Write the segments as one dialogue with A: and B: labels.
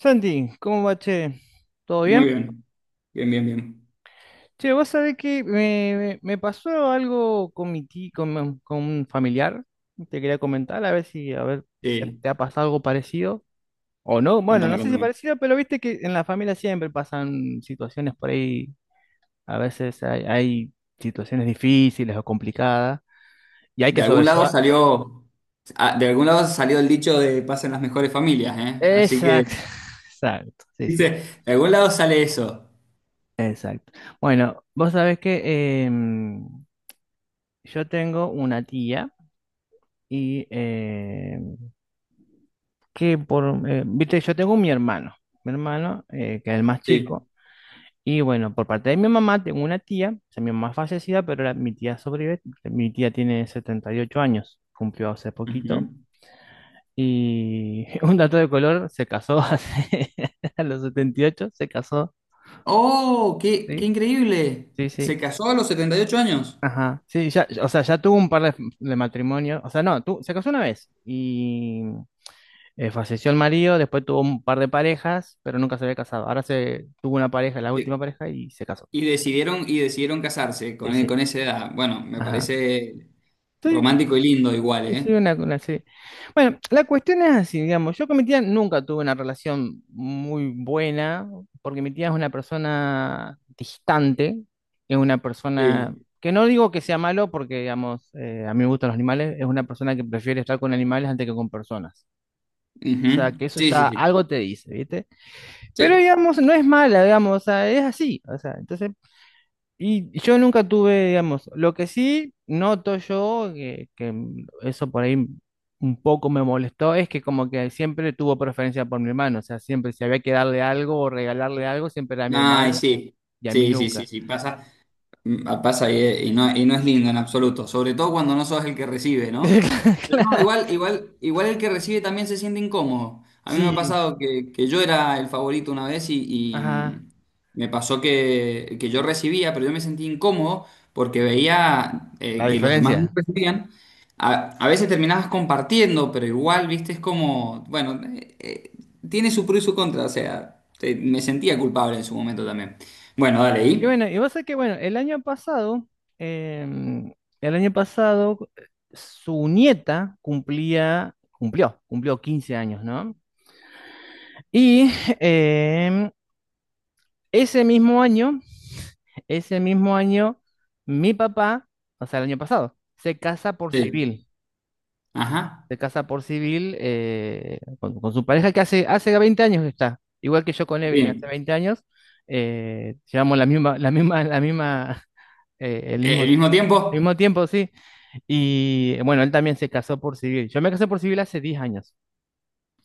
A: Santi, ¿cómo va, che? ¿Todo bien?
B: Muy bien, bien, bien.
A: Che, vos sabés que me pasó algo con mi ti- con un familiar. Te quería comentar, a ver a ver si
B: Sí,
A: te ha pasado algo parecido o no. Bueno, no
B: contame,
A: sé si
B: contame.
A: parecido, pero viste que en la familia siempre pasan situaciones por ahí. A veces hay situaciones difíciles o complicadas y hay
B: De
A: que
B: algún lado
A: sobrellevar.
B: salió, de algún lado salió el dicho de pasen las mejores familias, ¿eh? Así que,
A: Exacto, exacto, sí, sí.
B: dice, de algún lado sale eso.
A: Bueno, vos sabés que yo tengo una tía. Y eh, que viste, yo tengo mi hermano, que es el más chico.
B: Sí.
A: Y bueno, por parte de mi mamá tengo una tía, o sea, mi mamá es fallecida, pero mi tía sobrevive. Mi tía tiene 78 años, cumplió hace poquito.
B: Ujú.
A: Y un dato de color, se casó hace, a los 78 se casó,
B: ¡Oh, qué, qué
A: ¿sí?
B: increíble!
A: Sí,
B: Se
A: sí.
B: casó a los 78 años.
A: Ajá, sí, ya, o sea, ya tuvo de matrimonios, o sea, no, tu- se casó una vez y falleció el marido, después tuvo un par de parejas, pero nunca se había casado. Ahora se tuvo una pareja, la última
B: Sí.
A: pareja, y se casó.
B: Y decidieron casarse con,
A: Dice,
B: con esa edad. Bueno, me
A: ajá.
B: parece
A: Sí,
B: romántico y lindo igual,
A: sí, sí,
B: ¿eh?
A: una serie. Bueno, la cuestión es así, digamos. Yo con mi tía nunca tuve una relación muy buena, porque mi tía es una persona distante, es una persona
B: Sí.
A: que no digo que sea malo, porque, digamos, a mí me gustan los animales, es una persona que prefiere estar con animales antes que con personas. O
B: Ujú.
A: sea, que eso
B: Sí, sí,
A: ya
B: sí.
A: algo te dice, ¿viste? Pero
B: Sí.
A: digamos, no es mala, digamos, o sea, es así, o sea, entonces, y yo nunca tuve, digamos, lo que sí noto yo, que eso por ahí un poco me molestó, es que como que siempre tuvo preferencia por mi hermano, o sea, siempre si había que darle algo o regalarle algo, siempre era a mi
B: Ay,
A: hermano
B: sí.
A: y a mí
B: Sí, sí,
A: nunca.
B: sí, sí. Pasa. Mm, pasa y no es lindo en absoluto, sobre todo cuando no sos el que recibe, ¿no? Pero no,
A: Claro,
B: igual, igual, igual el que recibe también se siente incómodo. A mí me ha
A: sí,
B: pasado que yo era el favorito una vez y,
A: ajá,
B: me pasó que yo recibía, pero yo me sentí incómodo porque veía
A: la
B: que los demás no
A: diferencia.
B: recibían. A veces terminabas compartiendo, pero igual, viste, es como, bueno, tiene su pro y su contra, o sea, me sentía culpable en su momento también. Bueno, dale,
A: Y
B: ¿y?
A: bueno, y vos sabés que, bueno, em, el año pasado, su nieta cumplió 15 años, ¿no? Y em, ese mismo año, ese mismo año, mi papá, o sea, el año pasado, se casa por
B: Sí.
A: civil.
B: Ajá,
A: Se casa por civil con su pareja que hace 20 años que está, igual que yo con Evelyn, hace
B: bien.
A: 20 años, llevamos la misma,
B: Eh, ¿El mismo
A: el
B: tiempo?
A: mismo tiempo, sí, y bueno, él también se casó por civil, yo me casé por civil hace 10 años,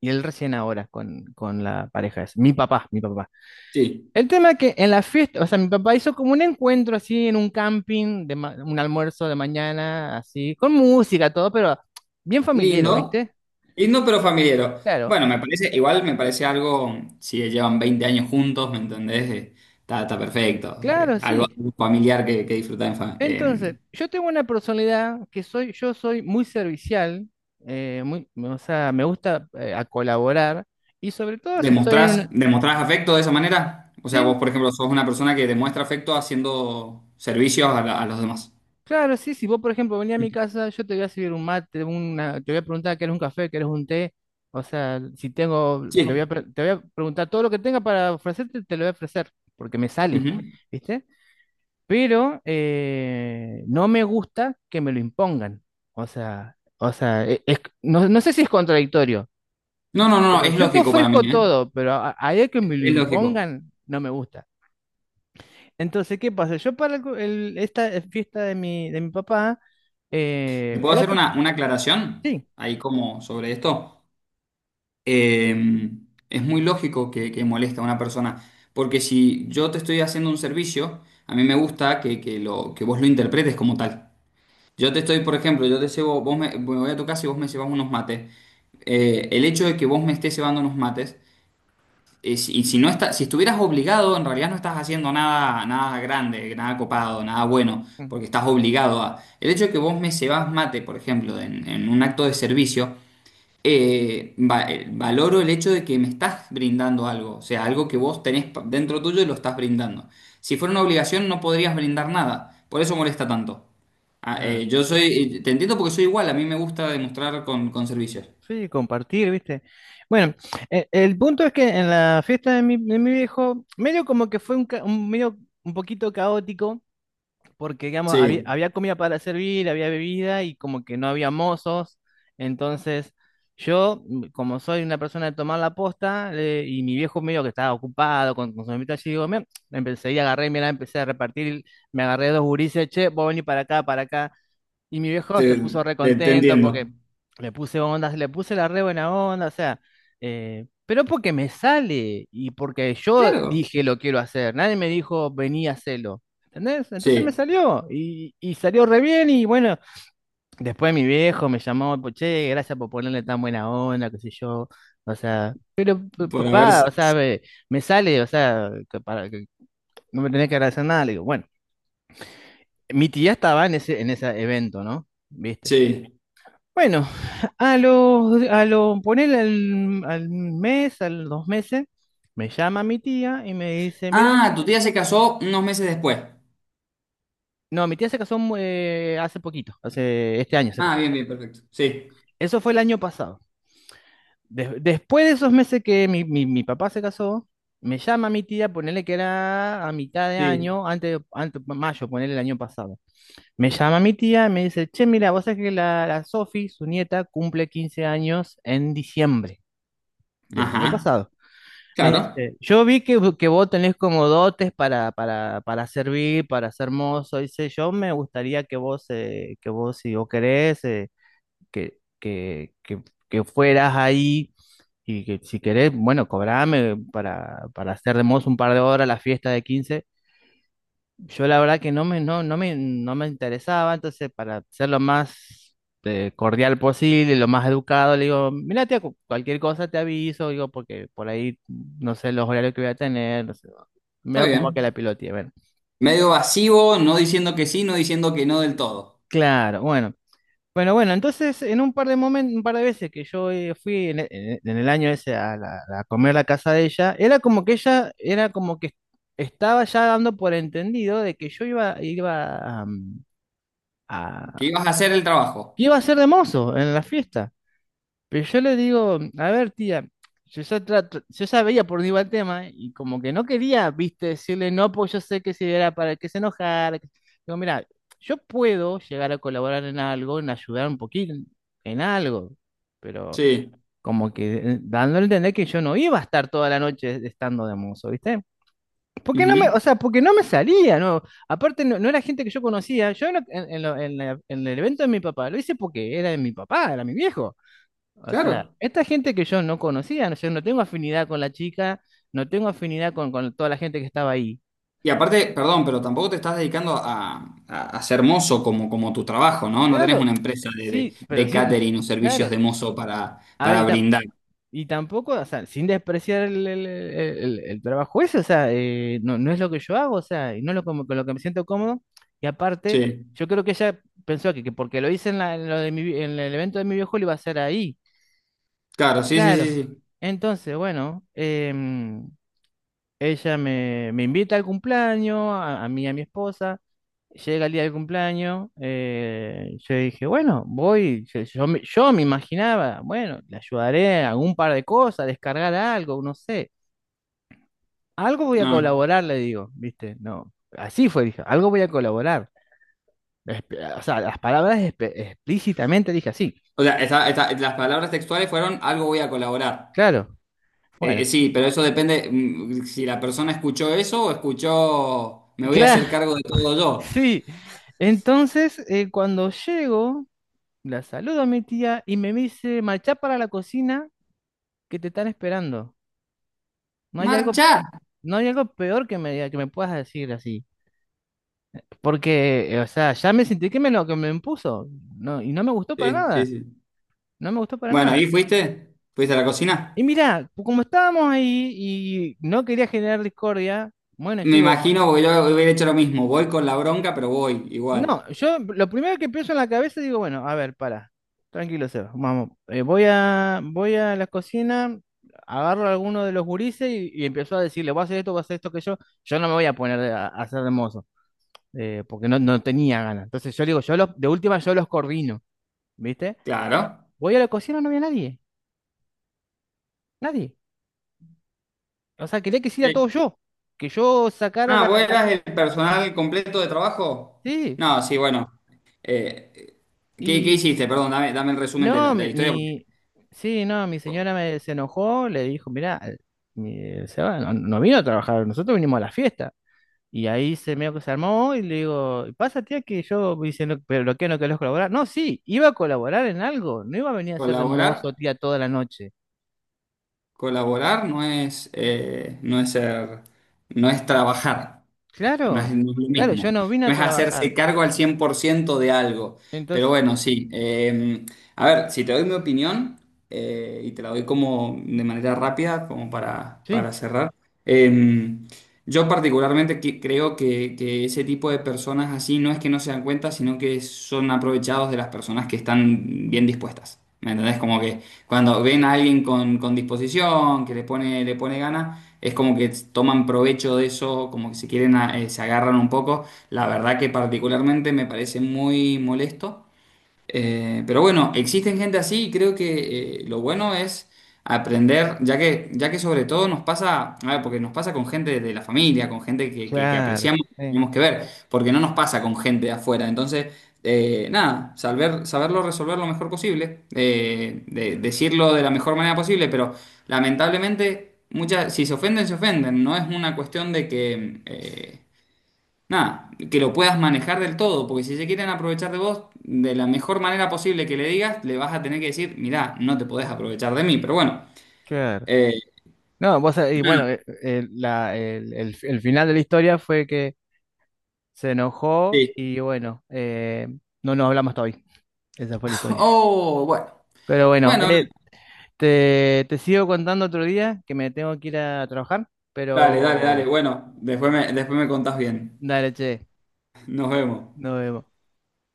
A: y él recién ahora con la pareja, es mi papá.
B: Sí.
A: El tema es que en la fiesta, o sea, mi papá hizo como un encuentro así en un camping, un almuerzo de mañana, así, con música, todo, pero bien familiar,
B: Lindo,
A: ¿viste?
B: lindo pero familiar.
A: Claro,
B: Bueno, me parece, igual me parece algo, si llevan 20 años juntos, ¿me entendés? Está, está perfecto.
A: claro,
B: Algo
A: sí.
B: algo familiar que disfrutás en
A: Entonces, yo tengo una personalidad que soy, yo soy muy servicial, o sea, me gusta a colaborar y sobre todo si estoy en una...
B: ¿demostrás, demostrás afecto de esa manera? O sea, vos,
A: Sí,
B: por ejemplo, sos una persona que demuestra afecto haciendo servicios a, a los demás.
A: claro, sí, si vos, por ejemplo, venís a mi casa, yo te voy a servir un mate, una, te voy a preguntar, ¿qué eres un café, qué eres un té? O sea, si tengo,
B: Sí.
A: te voy a preguntar todo lo que tenga para ofrecerte, te lo voy a ofrecer, porque me sale,
B: Ujú.
A: ¿viste? Pero no me gusta que me lo impongan. No, no sé si es contradictorio,
B: No, no, no,
A: pero
B: es
A: yo te
B: lógico para mí,
A: ofrezco
B: ¿eh?
A: todo, pero a de que me lo
B: Es lógico.
A: impongan, no me gusta. Entonces, ¿qué pasa? Yo para esta fiesta de de mi papá,
B: ¿Te puedo
A: era
B: hacer
A: como-
B: una aclaración
A: sí,
B: ahí como sobre esto? Eh, es muy lógico que moleste a una persona, porque si yo te estoy haciendo un servicio, a mí me gusta que lo, que vos lo interpretes como tal. Yo te estoy, por ejemplo, yo te llevo, vos me, me voy a tu casa y vos me llevas unos mates. El hecho de que vos me estés llevando unos mates y si no está, si estuvieras obligado, en realidad no estás haciendo nada, nada grande, nada copado, nada bueno,
A: ujú,
B: porque estás obligado a. El hecho de que vos me cebás mate, por ejemplo, en un acto de servicio, valoro el hecho de que me estás brindando algo, o sea, algo que vos tenés dentro tuyo y lo estás brindando. Si fuera una obligación, no podrías brindar nada, por eso molesta tanto. Ah,
A: claro,
B: yo soy, te entiendo porque soy igual, a mí me gusta demostrar con servicios.
A: sí, compartir, ¿viste? Bueno, punto es que en la fiesta de de mi viejo, medio como que fue un, un medio un poquito caótico porque digamos,
B: Sí,
A: había comida para servir, había bebida y como que no había mozos. Entonces, yo, como soy una persona de tomar la posta, y mi viejo medio que estaba ocupado con su mamita allí, digo, "Mira", empecé y agarré, mira, empecé a repartir, me agarré dos gurises, che, vos venís para acá, para acá. Y mi viejo se
B: te,
A: puso re
B: te
A: contento
B: entiendo.
A: porque le puse onda, le puse la re buena onda, o sea, pero porque me sale y porque yo
B: Claro,
A: dije lo quiero hacer, nadie me dijo vení a hacerlo, ¿entendés? Entonces me
B: sí.
A: salió y salió re bien y bueno, después mi viejo me llamó, pues, che, gracias por ponerle tan buena onda, qué sé yo, o sea,
B: Por haber...
A: papá, o sea, me sale, o sea, que para, que no me tenés que agradecer nada, le digo, bueno, mi tía estaba en ese evento, ¿no? ¿Viste?
B: Sí.
A: Bueno, a los, a lo, poner al, al mes, a los 2 meses, me llama mi tía y me dice, mira,
B: Ah, tu tía se casó unos meses después.
A: no, mi tía se casó hace poquito, hace este año se
B: Ah,
A: casó.
B: bien, bien, perfecto. Sí,
A: Eso fue el año pasado. Después de esos meses que mi papá se casó, me llama mi tía, ponerle que era a mitad de
B: sí.
A: año, antes, antes mayo, ponerle el año pasado. Me llama mi tía y me dice, che, mira, vos sabés que la Sofi, su nieta, cumple 15 años en diciembre del año
B: Ajá.
A: pasado. Me
B: Claro,
A: dice, yo vi que vos tenés como dotes para servir, para ser mozo. Dice, yo me gustaría que vos, si vos querés, que, que, que, que fueras ahí y que si querés, bueno, cobrame para hacer de mozo un par de horas la fiesta de quince. Yo la verdad que no me, no, no me, no me interesaba, entonces para ser lo más cordial posible, lo más educado, le digo, mira, tía, cualquier cosa te aviso, digo, porque por ahí no sé los horarios que voy a tener, no sé,
B: está
A: veo como que
B: bien.
A: la piloteé, bueno.
B: Medio vacío, no diciendo que sí, no diciendo que no del todo.
A: Claro, bueno. Bueno, bueno, entonces en un par de momentos, un par de veces que yo fui en, e- en e- en el año ese a comer a la casa de ella, era como que ella, era como que estaba ya dando por entendido de que yo iba, am,
B: Que
A: a
B: ibas a hacer el
A: que
B: trabajo.
A: iba a ser de mozo en la fiesta. Pero yo le digo, a ver, tía, yo ya veía por dónde iba el tema y como que no quería, viste, decirle no, pues yo sé que si era para que se enojara. Que- digo, mira, yo puedo llegar a colaborar en algo, en ayudar un poquito en algo, pero
B: Sí.
A: como que dando a entender que yo no iba a estar toda la noche estando de mozo, ¿viste? Porque no me,
B: Ujú.
A: o sea, porque no me salía, ¿no? Aparte, no, no era gente que yo conocía. Yo en lo- en la- en el evento de mi papá lo hice porque era de mi papá, era mi viejo. O sea,
B: Claro.
A: esta gente que yo no conocía, no, yo no tengo afinidad con la chica, no tengo afinidad con toda la gente que estaba ahí.
B: Y aparte, perdón, pero tampoco te estás dedicando a, a ser mozo como, como tu trabajo, ¿no? No tenés
A: Claro,
B: una empresa
A: sí, pero
B: de
A: sí,
B: catering o servicios
A: claro.
B: de mozo
A: A ver,
B: para
A: y tam-
B: brindar.
A: y tampoco, o sea, sin despreciar el trabajo ese, o sea, no, no es lo que yo hago, o sea, y no es lo como- con lo que me siento cómodo. Y aparte,
B: Sí.
A: yo creo que ella pensó que porque lo hice en lo de en el evento de mi viejo, lo iba a hacer ahí.
B: Claro, sí, sí,
A: Claro.
B: sí,
A: Entonces, bueno, ella me, me invita al cumpleaños, a mí y a mi esposa. Llega el día del cumpleaños, yo dije, bueno, voy, yo me imaginaba, bueno, le ayudaré en algún par de cosas, a descargar algo, no sé. Algo voy a
B: sí.
A: colaborar, le digo, ¿viste? No, así fue, dije, algo voy a colaborar. Espe- O sea, las palabras espe- explícitamente dije así,
B: O sea, las palabras textuales fueron algo voy a colaborar.
A: claro, bueno,
B: Sí, pero eso depende mm, si la persona escuchó eso o escuchó me voy a
A: claro,
B: hacer cargo de todo yo.
A: sí. Entonces, cuando llego, la saludo a mi tía y me dice, marcha para la cocina que te están esperando. No hay algo,
B: ¡Marchar!
A: no hay algo peor que que me puedas decir así. Porque, o sea, ya me sentí que me lo que me impuso. No, y no me gustó para
B: Sí, sí,
A: nada.
B: sí.
A: No me gustó para
B: Bueno,
A: nada.
B: ¿y fuiste? ¿Fuiste a la
A: Y
B: cocina?
A: mira, como estábamos ahí y no quería generar discordia, bueno, yo
B: Me
A: digo,
B: imagino, porque yo hubiera hecho lo mismo. Voy con la bronca, pero voy
A: no,
B: igual.
A: yo lo primero que pienso en la cabeza digo, bueno, a ver, para. Tranquilo, Seba. Vamos, voy a la cocina, agarro a alguno de los gurises y empiezo a decirle, voy a hacer esto que yo. Yo no me voy a poner a hacer de mozo, porque no, no tenía ganas. Entonces yo digo, yo los, de última yo los coordino, ¿viste?
B: Claro.
A: Voy a la cocina, no había nadie, nadie. O sea, quería que hiciera
B: Sí.
A: todo yo, que yo sacara
B: Ah,
A: la,
B: ¿vos
A: la-
B: eras el personal completo de trabajo? No, sí, bueno. Eh, ¿Qué, qué
A: Sí,
B: hiciste? Perdón, dame, dame el resumen
A: no,
B: de la historia.
A: sí, no, mi
B: Co-
A: señora me, se enojó, le dijo, mirá, se va, no, no vino a trabajar, nosotros vinimos a la fiesta. Y ahí se medio que se armó y le digo, pasa tía que yo, me dice, "no, pero lo que no querés colaborar. No, sí, iba a colaborar en algo, no iba a venir a ser de
B: ¿Colaborar?
A: mozo tía toda la noche.
B: Colaborar no es, no es ser, no es trabajar. No es,
A: Claro,
B: no es lo
A: claro, yo
B: mismo.
A: no vine
B: No
A: a
B: es
A: trabajar.
B: hacerse cargo al 100% de algo. Pero
A: Entonces,
B: bueno, sí. A ver, si te doy mi opinión, y te la doy como de manera rápida, como
A: sí,
B: para cerrar. eh, yo particularmente creo que ese tipo de personas así no es que no se dan cuenta, sino que son aprovechados de las personas que están bien dispuestas. ¿Me entendés? Como que cuando ven a alguien con disposición, que le pone ganas es como que toman provecho de eso, como que se quieren, se agarran un poco. La verdad que particularmente me parece muy molesto. Pero bueno, existen gente así y creo que lo bueno es aprender, ya que sobre todo nos pasa, a ver, porque nos pasa con gente de la familia, con gente que
A: claro,
B: apreciamos, que
A: sí,
B: tenemos que ver, porque no nos pasa con gente de afuera. Entonces, nada, saber, saberlo resolver lo mejor posible, decirlo de la mejor manera posible, pero lamentablemente, muchas, si se ofenden, se ofenden. No es una cuestión de que... nada, que lo puedas manejar del todo, porque si se quieren aprovechar de vos, de la mejor manera posible que le digas, le vas a tener que decir, mirá, no te podés aprovechar de mí, pero bueno.
A: claro.
B: eh,
A: No, vos, sabés, y bueno, el final de la historia fue que se enojó
B: sí.
A: y bueno, no nos hablamos hasta hoy. Esa fue la historia.
B: Oh, bueno.
A: Pero bueno,
B: Bueno,
A: te sigo contando otro día que me tengo que ir a trabajar,
B: dale, dale, dale.
A: pero
B: Bueno, después me contás bien.
A: dale, che,
B: Nos vemos.
A: nos vemos.